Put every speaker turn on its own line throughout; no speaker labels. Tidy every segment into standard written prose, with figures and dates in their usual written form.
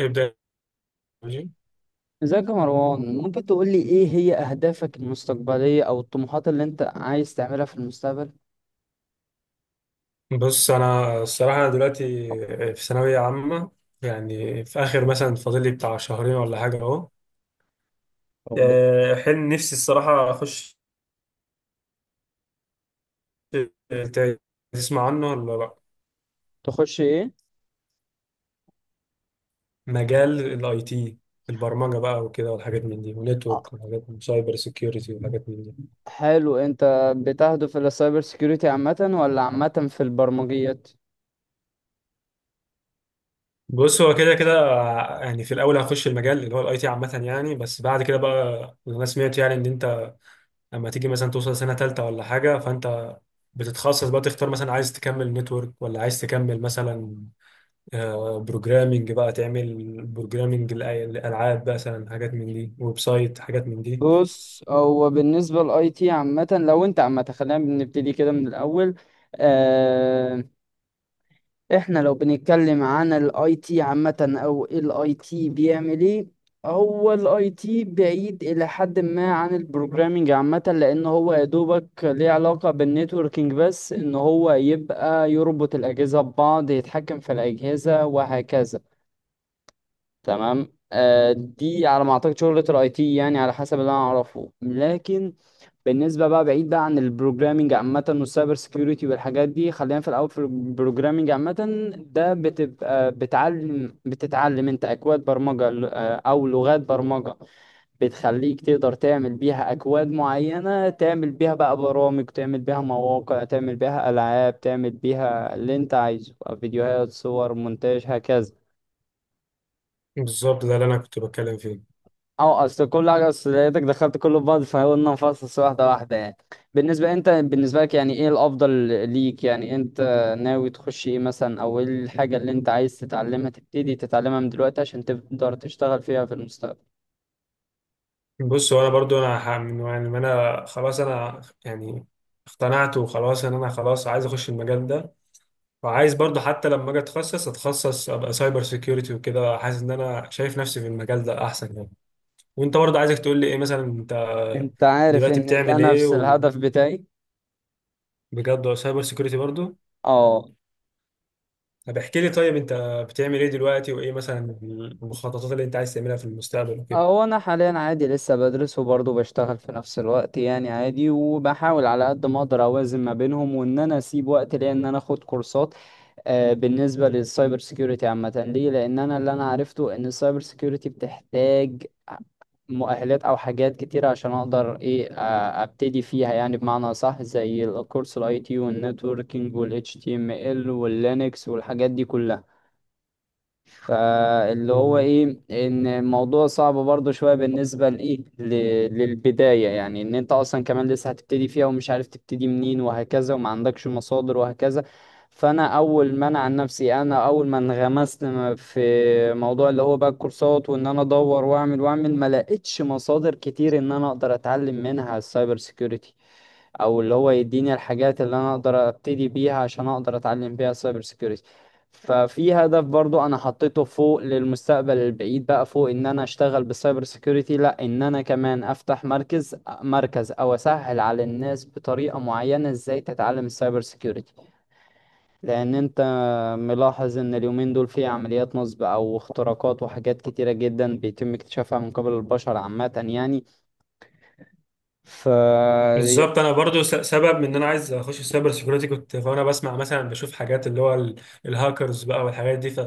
ابدأ يا جي.
ازيك يا مروان؟ ممكن تقول لي ايه هي اهدافك المستقبلية او الطموحات اللي انت عايز تعملها في المستقبل؟
بص، أنا الصراحة أنا دلوقتي في ثانوية عامة. يعني في آخر مثلا فاضل لي بتاع شهرين ولا حاجة أهو.
او
حلم نفسي الصراحة أخش ت- تسمع عنه ولا لأ؟
بتخش ايه؟
مجال الأي تي، البرمجة بقى وكده والحاجات من دي،
آه،
ونتورك وحاجات من سايبر سيكيورتي وحاجات من دي.
حلو. انت بتهدف الى سايبر سيكيورتي عامة ولا عامة في البرمجيات؟
بص هو كده كده، يعني في الأول هخش المجال اللي هو الأي تي عامة يعني، بس بعد كده بقى أنا سمعت يعني إن أنت لما تيجي مثلا توصل سنة تالتة ولا حاجة، فأنت بتتخصص بقى، تختار مثلا عايز تكمل نتورك ولا عايز تكمل مثلا بروجرامنج، بقى تعمل بروجرامنج للألعاب مثلا، حاجات من دي، ويب سايت، حاجات من دي.
بص، هو بالنسبة للاي تي عامة، لو انت عامة خلينا بنبتدي كده من الاول. آه، احنا لو بنتكلم عن الاي تي عامة، او الاي تي بيعمل ايه؟ هو الاي تي بعيد الى حد ما عن البروجرامينج عامة، لان هو يا دوبك ليه علاقة بالنتوركينج، بس ان هو يبقى يربط الاجهزة ببعض، يتحكم في الاجهزة وهكذا. تمام، آه، دي على ما اعتقد شغلة الاي تي يعني، على حسب اللي انا اعرفه. لكن بالنسبة بقى، بعيد بقى عن البروجرامينج عامة والسايبر سيكيورتي والحاجات دي، خلينا في الأول في البروجرامينج عامة. ده بتبقى بتعلم، بتتعلم أنت أكواد برمجة أو لغات برمجة بتخليك تقدر تعمل بيها أكواد معينة، تعمل بيها بقى برامج، تعمل بيها مواقع، تعمل بيها ألعاب، تعمل بيها اللي أنت عايزه، فيديوهات، صور، مونتاج، هكذا.
بالظبط، ده اللي أنا كنت بتكلم فيه.
اه، اصل كل حاجه، اصل لقيتك دخلت كله في بعض، فقلنا نفصص واحده واحده يعني. بالنسبه انت، بالنسبه لك يعني ايه الافضل ليك؟ يعني انت ناوي تخش ايه مثلا، او ايه الحاجه اللي انت عايز تتعلمها، تبتدي تتعلمها من دلوقتي عشان تقدر تشتغل فيها في المستقبل؟
بص هو أنا برضو أنا من يعني ما أنا خلاص، أنا يعني اقتنعت وخلاص إن أنا خلاص عايز أخش المجال ده. وعايز برضو حتى لما أجي أتخصص أبقى سايبر سيكيورتي وكده، حاسس إن أنا شايف نفسي في المجال ده أحسن يعني. وانت برضه عايزك تقول لي ايه مثلا انت
انت عارف
دلوقتي
ان ده
بتعمل ايه؟
نفس
وبجد
الهدف بتاعي.
سايبر سيكيورتي برضه؟
اه.
طب احكي لي طيب انت بتعمل ايه دلوقتي؟ وايه مثلا المخططات اللي انت عايز تعملها في المستقبل وكده؟
هو انا حاليا عادي لسه بدرس، وبرضه بشتغل في نفس الوقت يعني عادي، وبحاول على قد ما اقدر اوازن ما بينهم، وان انا اسيب وقت ليا ان انا اخد كورسات. بالنسبة للسايبر سيكيورتي عامة ليه؟ لأن أنا، اللي أنا عرفته إن السايبر سيكيورتي بتحتاج مؤهلات أو حاجات كتيرة عشان أقدر إيه، أبتدي فيها يعني، بمعنى صح، زي الكورس الأي تي والنتوركينج وال HTML واللينكس والحاجات دي كلها. فاللي هو
مم.
ايه، ان الموضوع صعب برضو شوية، بالنسبة لايه، للبداية يعني، ان انت اصلا كمان لسه هتبتدي فيها ومش عارف تبتدي منين وهكذا، وما عندكش مصادر وهكذا. فانا اول ما انا عن نفسي، انا اول ما انغمست في موضوع اللي هو بقى الكورسات، وان انا ادور واعمل واعمل، ما لقيتش مصادر كتير ان انا اقدر اتعلم منها السايبر سيكيورتي، او اللي هو يديني الحاجات اللي انا اقدر ابتدي بيها عشان اقدر اتعلم بيها السايبر سيكيورتي. ففي هدف برضو انا حطيته فوق للمستقبل البعيد بقى، فوق ان انا اشتغل بالسايبر سيكيورتي، لا ان انا كمان افتح مركز، مركز او اسهل على الناس بطريقة معينة ازاي تتعلم السايبر سيكيورتي. لان انت ملاحظ ان اليومين دول في عمليات نصب او اختراقات وحاجات كتيرة جدا بيتم اكتشافها من قبل البشر عامة يعني. ف
بالظبط، انا برضه سبب من ان انا عايز اخش في السايبر سيكيورتي، كنت وانا بسمع مثلا بشوف حاجات اللي هو الهاكرز بقى والحاجات دي، ف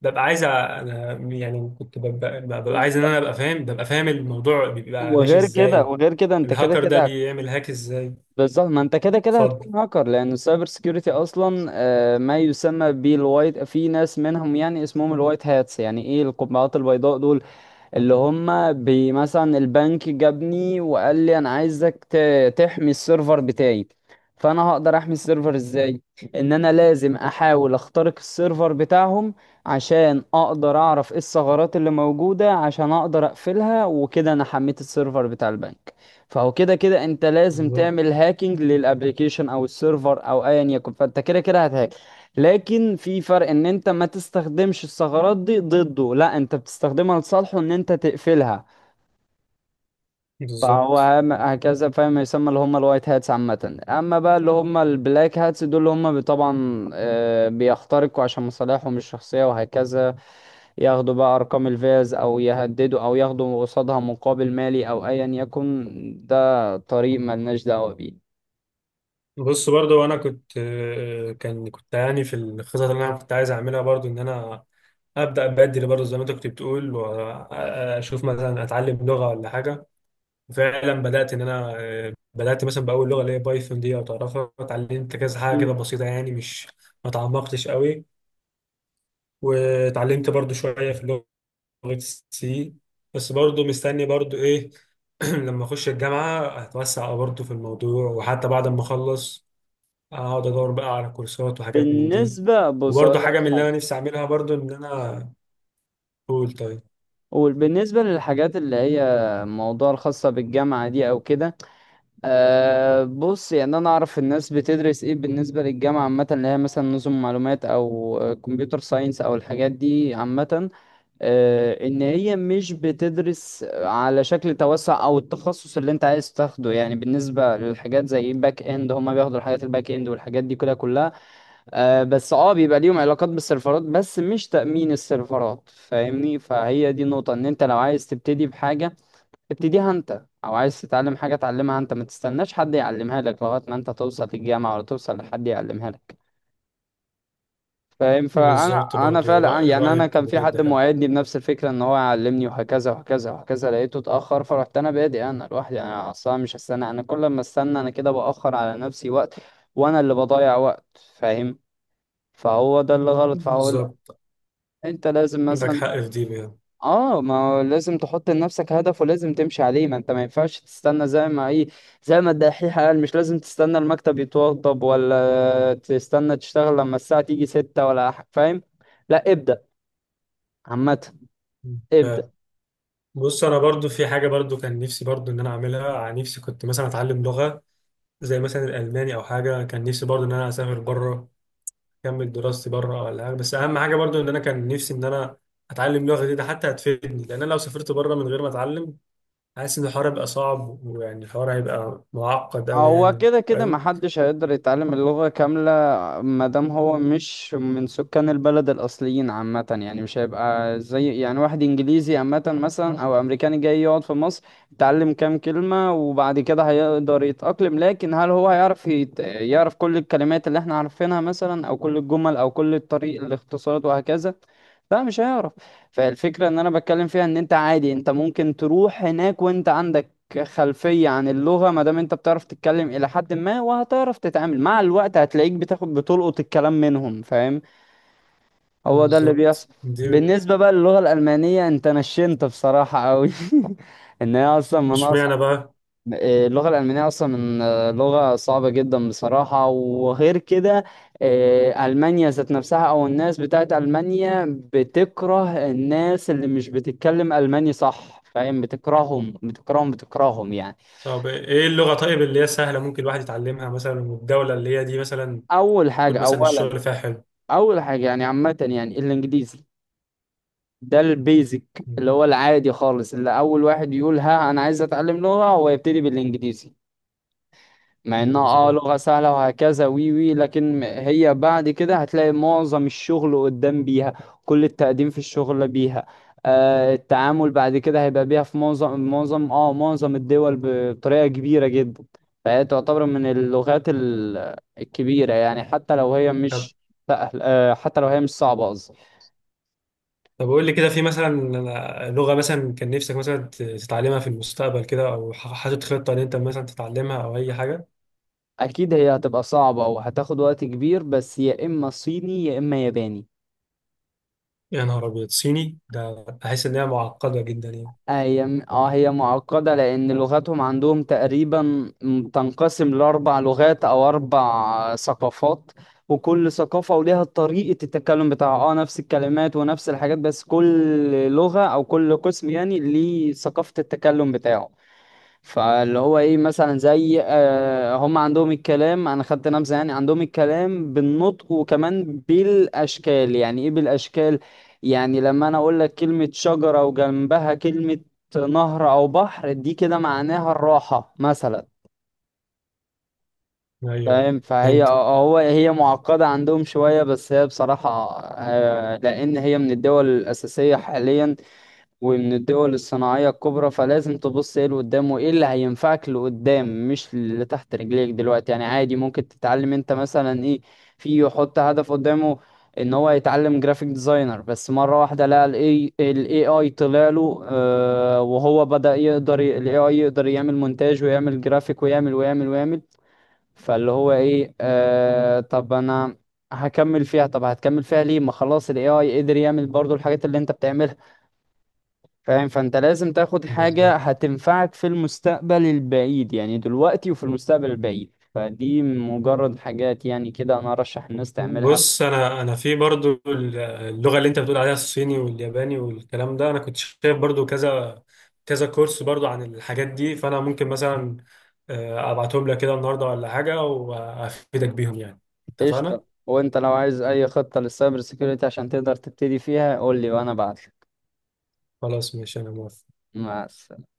ببقى عايز انا يعني، كنت ببقى
يعني،
عايز ان انا ابقى فاهم، ببقى فاهم الموضوع بيبقى ماشي
وغير كده
ازاي.
وغير كده انت كده
الهاكر ده
كده
بيعمل هاك ازاي.
بالظبط. ما انت كده كده
اتفضل.
هتكون هاكر، لان السايبر سيكيورتي اصلا، ما يسمى بالوايت، في ناس منهم يعني اسمهم الوايت هاتس، يعني ايه القبعات البيضاء دول؟ اللي هم مثلا البنك جابني وقال لي انا عايزك تحمي السيرفر بتاعي. فانا هقدر احمي السيرفر ازاي؟ ان انا لازم احاول اخترق السيرفر بتاعهم عشان اقدر اعرف ايه الثغرات اللي موجودة، عشان اقدر اقفلها، وكده انا حميت السيرفر بتاع البنك. فهو كده كده انت لازم
بالظبط.
تعمل هاكينج للابليكيشن او السيرفر او ايا يكن، فانت كده كده هتهاك. لكن في فرق، ان انت ما تستخدمش الثغرات دي ضده، لا انت بتستخدمها لصالحه، ان انت تقفلها. فهو
بالظبط.
هكذا فاهم، يسمى اللي هم الوايت هاتس عامة. اما بقى اللي هم البلاك هاتس دول، اللي هم طبعا بيخترقوا عشان مصالحهم الشخصية وهكذا، ياخدوا بقى ارقام الفيز، او يهددوا، او ياخدوا قصادها مقابل مالي او ايا يكن. ده طريق ملناش دعوة بيه.
بص برضو انا كنت آه، كان كنت يعني في الخطط اللي انا كنت عايز اعملها برضو، ان انا ابدا بدري برضو زي ما انت كنت بتقول، واشوف مثلا اتعلم لغه ولا حاجه. فعلا بدات ان انا آه، بدات مثلا باول لغه اللي هي بايثون، دي او تعرفها، اتعلمت كذا حاجه كده بسيطه يعني، مش ما تعمقتش قوي، واتعلمت برضو شويه في لغه سي. بس برضو مستني برضو ايه، لما اخش الجامعه هتوسع برضو في الموضوع، وحتى بعد ما اخلص اقعد ادور بقى على كورسات وحاجات من دي.
بالنسبة، بص
وبرضه
أقول
حاجه
لك
من اللي
حاجة،
انا نفسي اعملها برضه، ان انا اقول طيب.
وبالنسبة للحاجات اللي هي موضوع الخاصة بالجامعة دي أو كده، أه بص، يعني أنا أعرف الناس بتدرس إيه بالنسبة للجامعة عامة، اللي هي مثلا نظم معلومات أو كمبيوتر ساينس أو الحاجات دي عامة. أه، إن هي مش بتدرس على شكل توسع أو التخصص اللي أنت عايز تاخده، يعني بالنسبة للحاجات زي باك إند، هما بياخدوا الحاجات الباك إند والحاجات دي كلها. آه بس، اه، بيبقى ليهم علاقات بالسيرفرات، بس مش تأمين السيرفرات، فاهمني؟ فهي دي النقطة، ان انت لو عايز تبتدي بحاجة ابتديها انت، او عايز تتعلم حاجة اتعلمها انت، ما تستناش حد يعلمها لك لغاية ما انت توصل للجامعة ولا توصل لحد يعلمها لك. فاهم؟ فانا،
بالظبط،
انا
برضه
فعلا يعني انا
رايك
كان في
بجد
حد
حلو.
موعدني بنفس الفكرة ان هو يعلمني وهكذا وهكذا وهكذا، لقيته اتأخر، فرحت انا بادئ انا لوحدي. انا اصلا مش هستنى، انا كل ما استنى انا كده بأخر على نفسي وقت، وانا اللي بضيع وقت. فاهم؟ فهو ده اللي غلط. فهو
بالظبط،
انت لازم
عندك
مثلا،
حق في دي بجد.
اه ما هو لازم تحط لنفسك هدف، ولازم تمشي عليه. ما انت ما ينفعش تستنى زي ما ايه، زي ما الدحيح قال، مش لازم تستنى المكتب يتوضب، ولا تستنى تشتغل لما الساعة تيجي ستة ولا فاهم؟ لا، ابدأ عامة، ابدأ.
فبص انا برضه في حاجه برضه كان نفسي برضه ان انا اعملها عن نفسي، كنت مثلا اتعلم لغه زي مثلا الالماني او حاجه. كان نفسي برضه ان انا اسافر بره، اكمل دراستي بره ولا حاجه، بس اهم حاجه برضه ان انا كان نفسي ان انا اتعلم لغه جديده، حتى هتفيدني، لان انا لو سافرت بره من غير ما اتعلم، حاسس ان الحوار هيبقى صعب، ويعني الحوار هيبقى معقد أوي
هو
يعني،
كده كده
فاهم؟
محدش هيقدر يتعلم اللغة كاملة مادام هو مش من سكان البلد الأصليين عامة، يعني مش هيبقى زي يعني واحد إنجليزي عامة مثلا، أو أمريكاني جاي يقعد في مصر، يتعلم كام كلمة وبعد كده هيقدر يتأقلم. لكن هل هو هيعرف يت... يعرف كل الكلمات اللي احنا عارفينها مثلا، أو كل الجمل، أو كل الطريق الاختصارات وهكذا؟ لا مش هيعرف. فالفكرة ان انا بتكلم فيها، ان انت عادي، انت ممكن تروح هناك وانت عندك كخلفية عن اللغة. ما دام انت بتعرف تتكلم الى حد ما، وهتعرف تتعامل مع الوقت، هتلاقيك بتاخد، بتلقط الكلام منهم، فاهم؟ هو ده اللي بيحصل.
بالظبط دي.
بالنسبة بقى للغة الألمانية، انت نشنت بصراحة قوي. ان هي اصلا من
اشمعنى
اصلا،
بقى؟
اللغة الألمانية اصلا من، لغة صعبة جدا بصراحة، وغير كده، ألمانيا ذات نفسها، او الناس بتاعت ألمانيا بتكره الناس اللي مش بتتكلم ألماني، صح فاهم؟ بتكرههم بتكرههم بتكرههم يعني.
طب ايه اللغة طيب اللي هي سهلة ممكن الواحد يتعلمها مثلا، والدولة اللي هي دي مثلا
اول
يكون
حاجه،
مثلا
اولا
الشغل فيها حلو؟
اول حاجه يعني عامه يعني الانجليزي، ده البيزك،
مم.
اللي هو العادي خالص، اللي اول واحد يقول ها انا عايز اتعلم لغه هو يبتدي بالانجليزي، مع انها اه
بالظبط.
لغة سهلة وهكذا، وي وي. لكن هي بعد كده هتلاقي معظم الشغل قدام بيها، كل التقديم في الشغل بيها، آه التعامل بعد كده هيبقى بيها في معظم، معظم اه معظم الدول، بطريقة كبيرة جدا. فهي تعتبر من اللغات الكبيرة يعني، حتى لو هي
طب
مش سهل، آه حتى لو هي مش صعبة قصدي.
طب قول لي كده، في مثلا لغة مثلا كان نفسك مثلا تتعلمها في المستقبل كده، او حاطط خطة ان انت مثلا تتعلمها او اي حاجة؟
اكيد هي هتبقى صعبة وهتاخد وقت كبير، بس يا اما صيني يا اما ياباني.
يا نهار ابيض، صيني ده بحس ان هي معقدة جدا يعني.
هي اه هي معقدة، لأن لغتهم عندهم تقريبا تنقسم لأربع لغات أو أربع ثقافات، وكل ثقافة وليها طريقة التكلم بتاعها، اه نفس الكلمات ونفس الحاجات، بس كل لغة أو كل قسم يعني ليه ثقافة التكلم بتاعه. فاللي هو ايه، مثلا زي آه هم عندهم الكلام، انا خدت نبذه يعني، عندهم الكلام بالنطق وكمان بالاشكال، يعني ايه بالاشكال؟ يعني لما انا اقول لك كلمه شجره، وجنبها كلمه نهر او بحر، دي كده معناها الراحه مثلا،
ايوه
فاهم؟ فهي
فهمت.
هو هي معقده عندهم شويه، بس هي بصراحه آه، لان هي من الدول الاساسيه حاليا، ومن الدول الصناعية الكبرى، فلازم تبص ايه اللي قدام وايه اللي هينفعك لقدام، مش اللي تحت رجليك دلوقتي يعني. عادي ممكن تتعلم انت مثلا ايه، في يحط هدف قدامه ان هو يتعلم جرافيك ديزاينر، بس مرة واحدة لقى الاي الاي اي طلع له، آه وهو بدأ يقدر الاي اي يقدر يعمل مونتاج ويعمل جرافيك ويعمل ويعمل ويعمل. فاللي هو ايه، آه طب انا هكمل فيها، طب هتكمل فيها ليه ما خلاص الاي اي قدر يعمل برضو الحاجات اللي انت بتعملها. فاهم؟ فانت لازم تاخد حاجة
بالظبط.
هتنفعك في المستقبل البعيد، يعني دلوقتي وفي المستقبل البعيد. فدي مجرد حاجات يعني كده انا ارشح الناس تعملها.
بص انا في برضو اللغه اللي انت بتقول عليها الصيني والياباني والكلام ده، انا كنت شايف برضو كذا كذا كورس برضو عن الحاجات دي، فانا ممكن مثلا ابعتهم لك كده النهارده ولا حاجه وافيدك بيهم يعني. اتفقنا.
قشطة، وانت لو عايز اي خطة للسايبر سيكيورتي عشان تقدر تبتدي فيها قول لي وانا بعتلك.
خلاص ماشي انا موافق.
مع السلامة.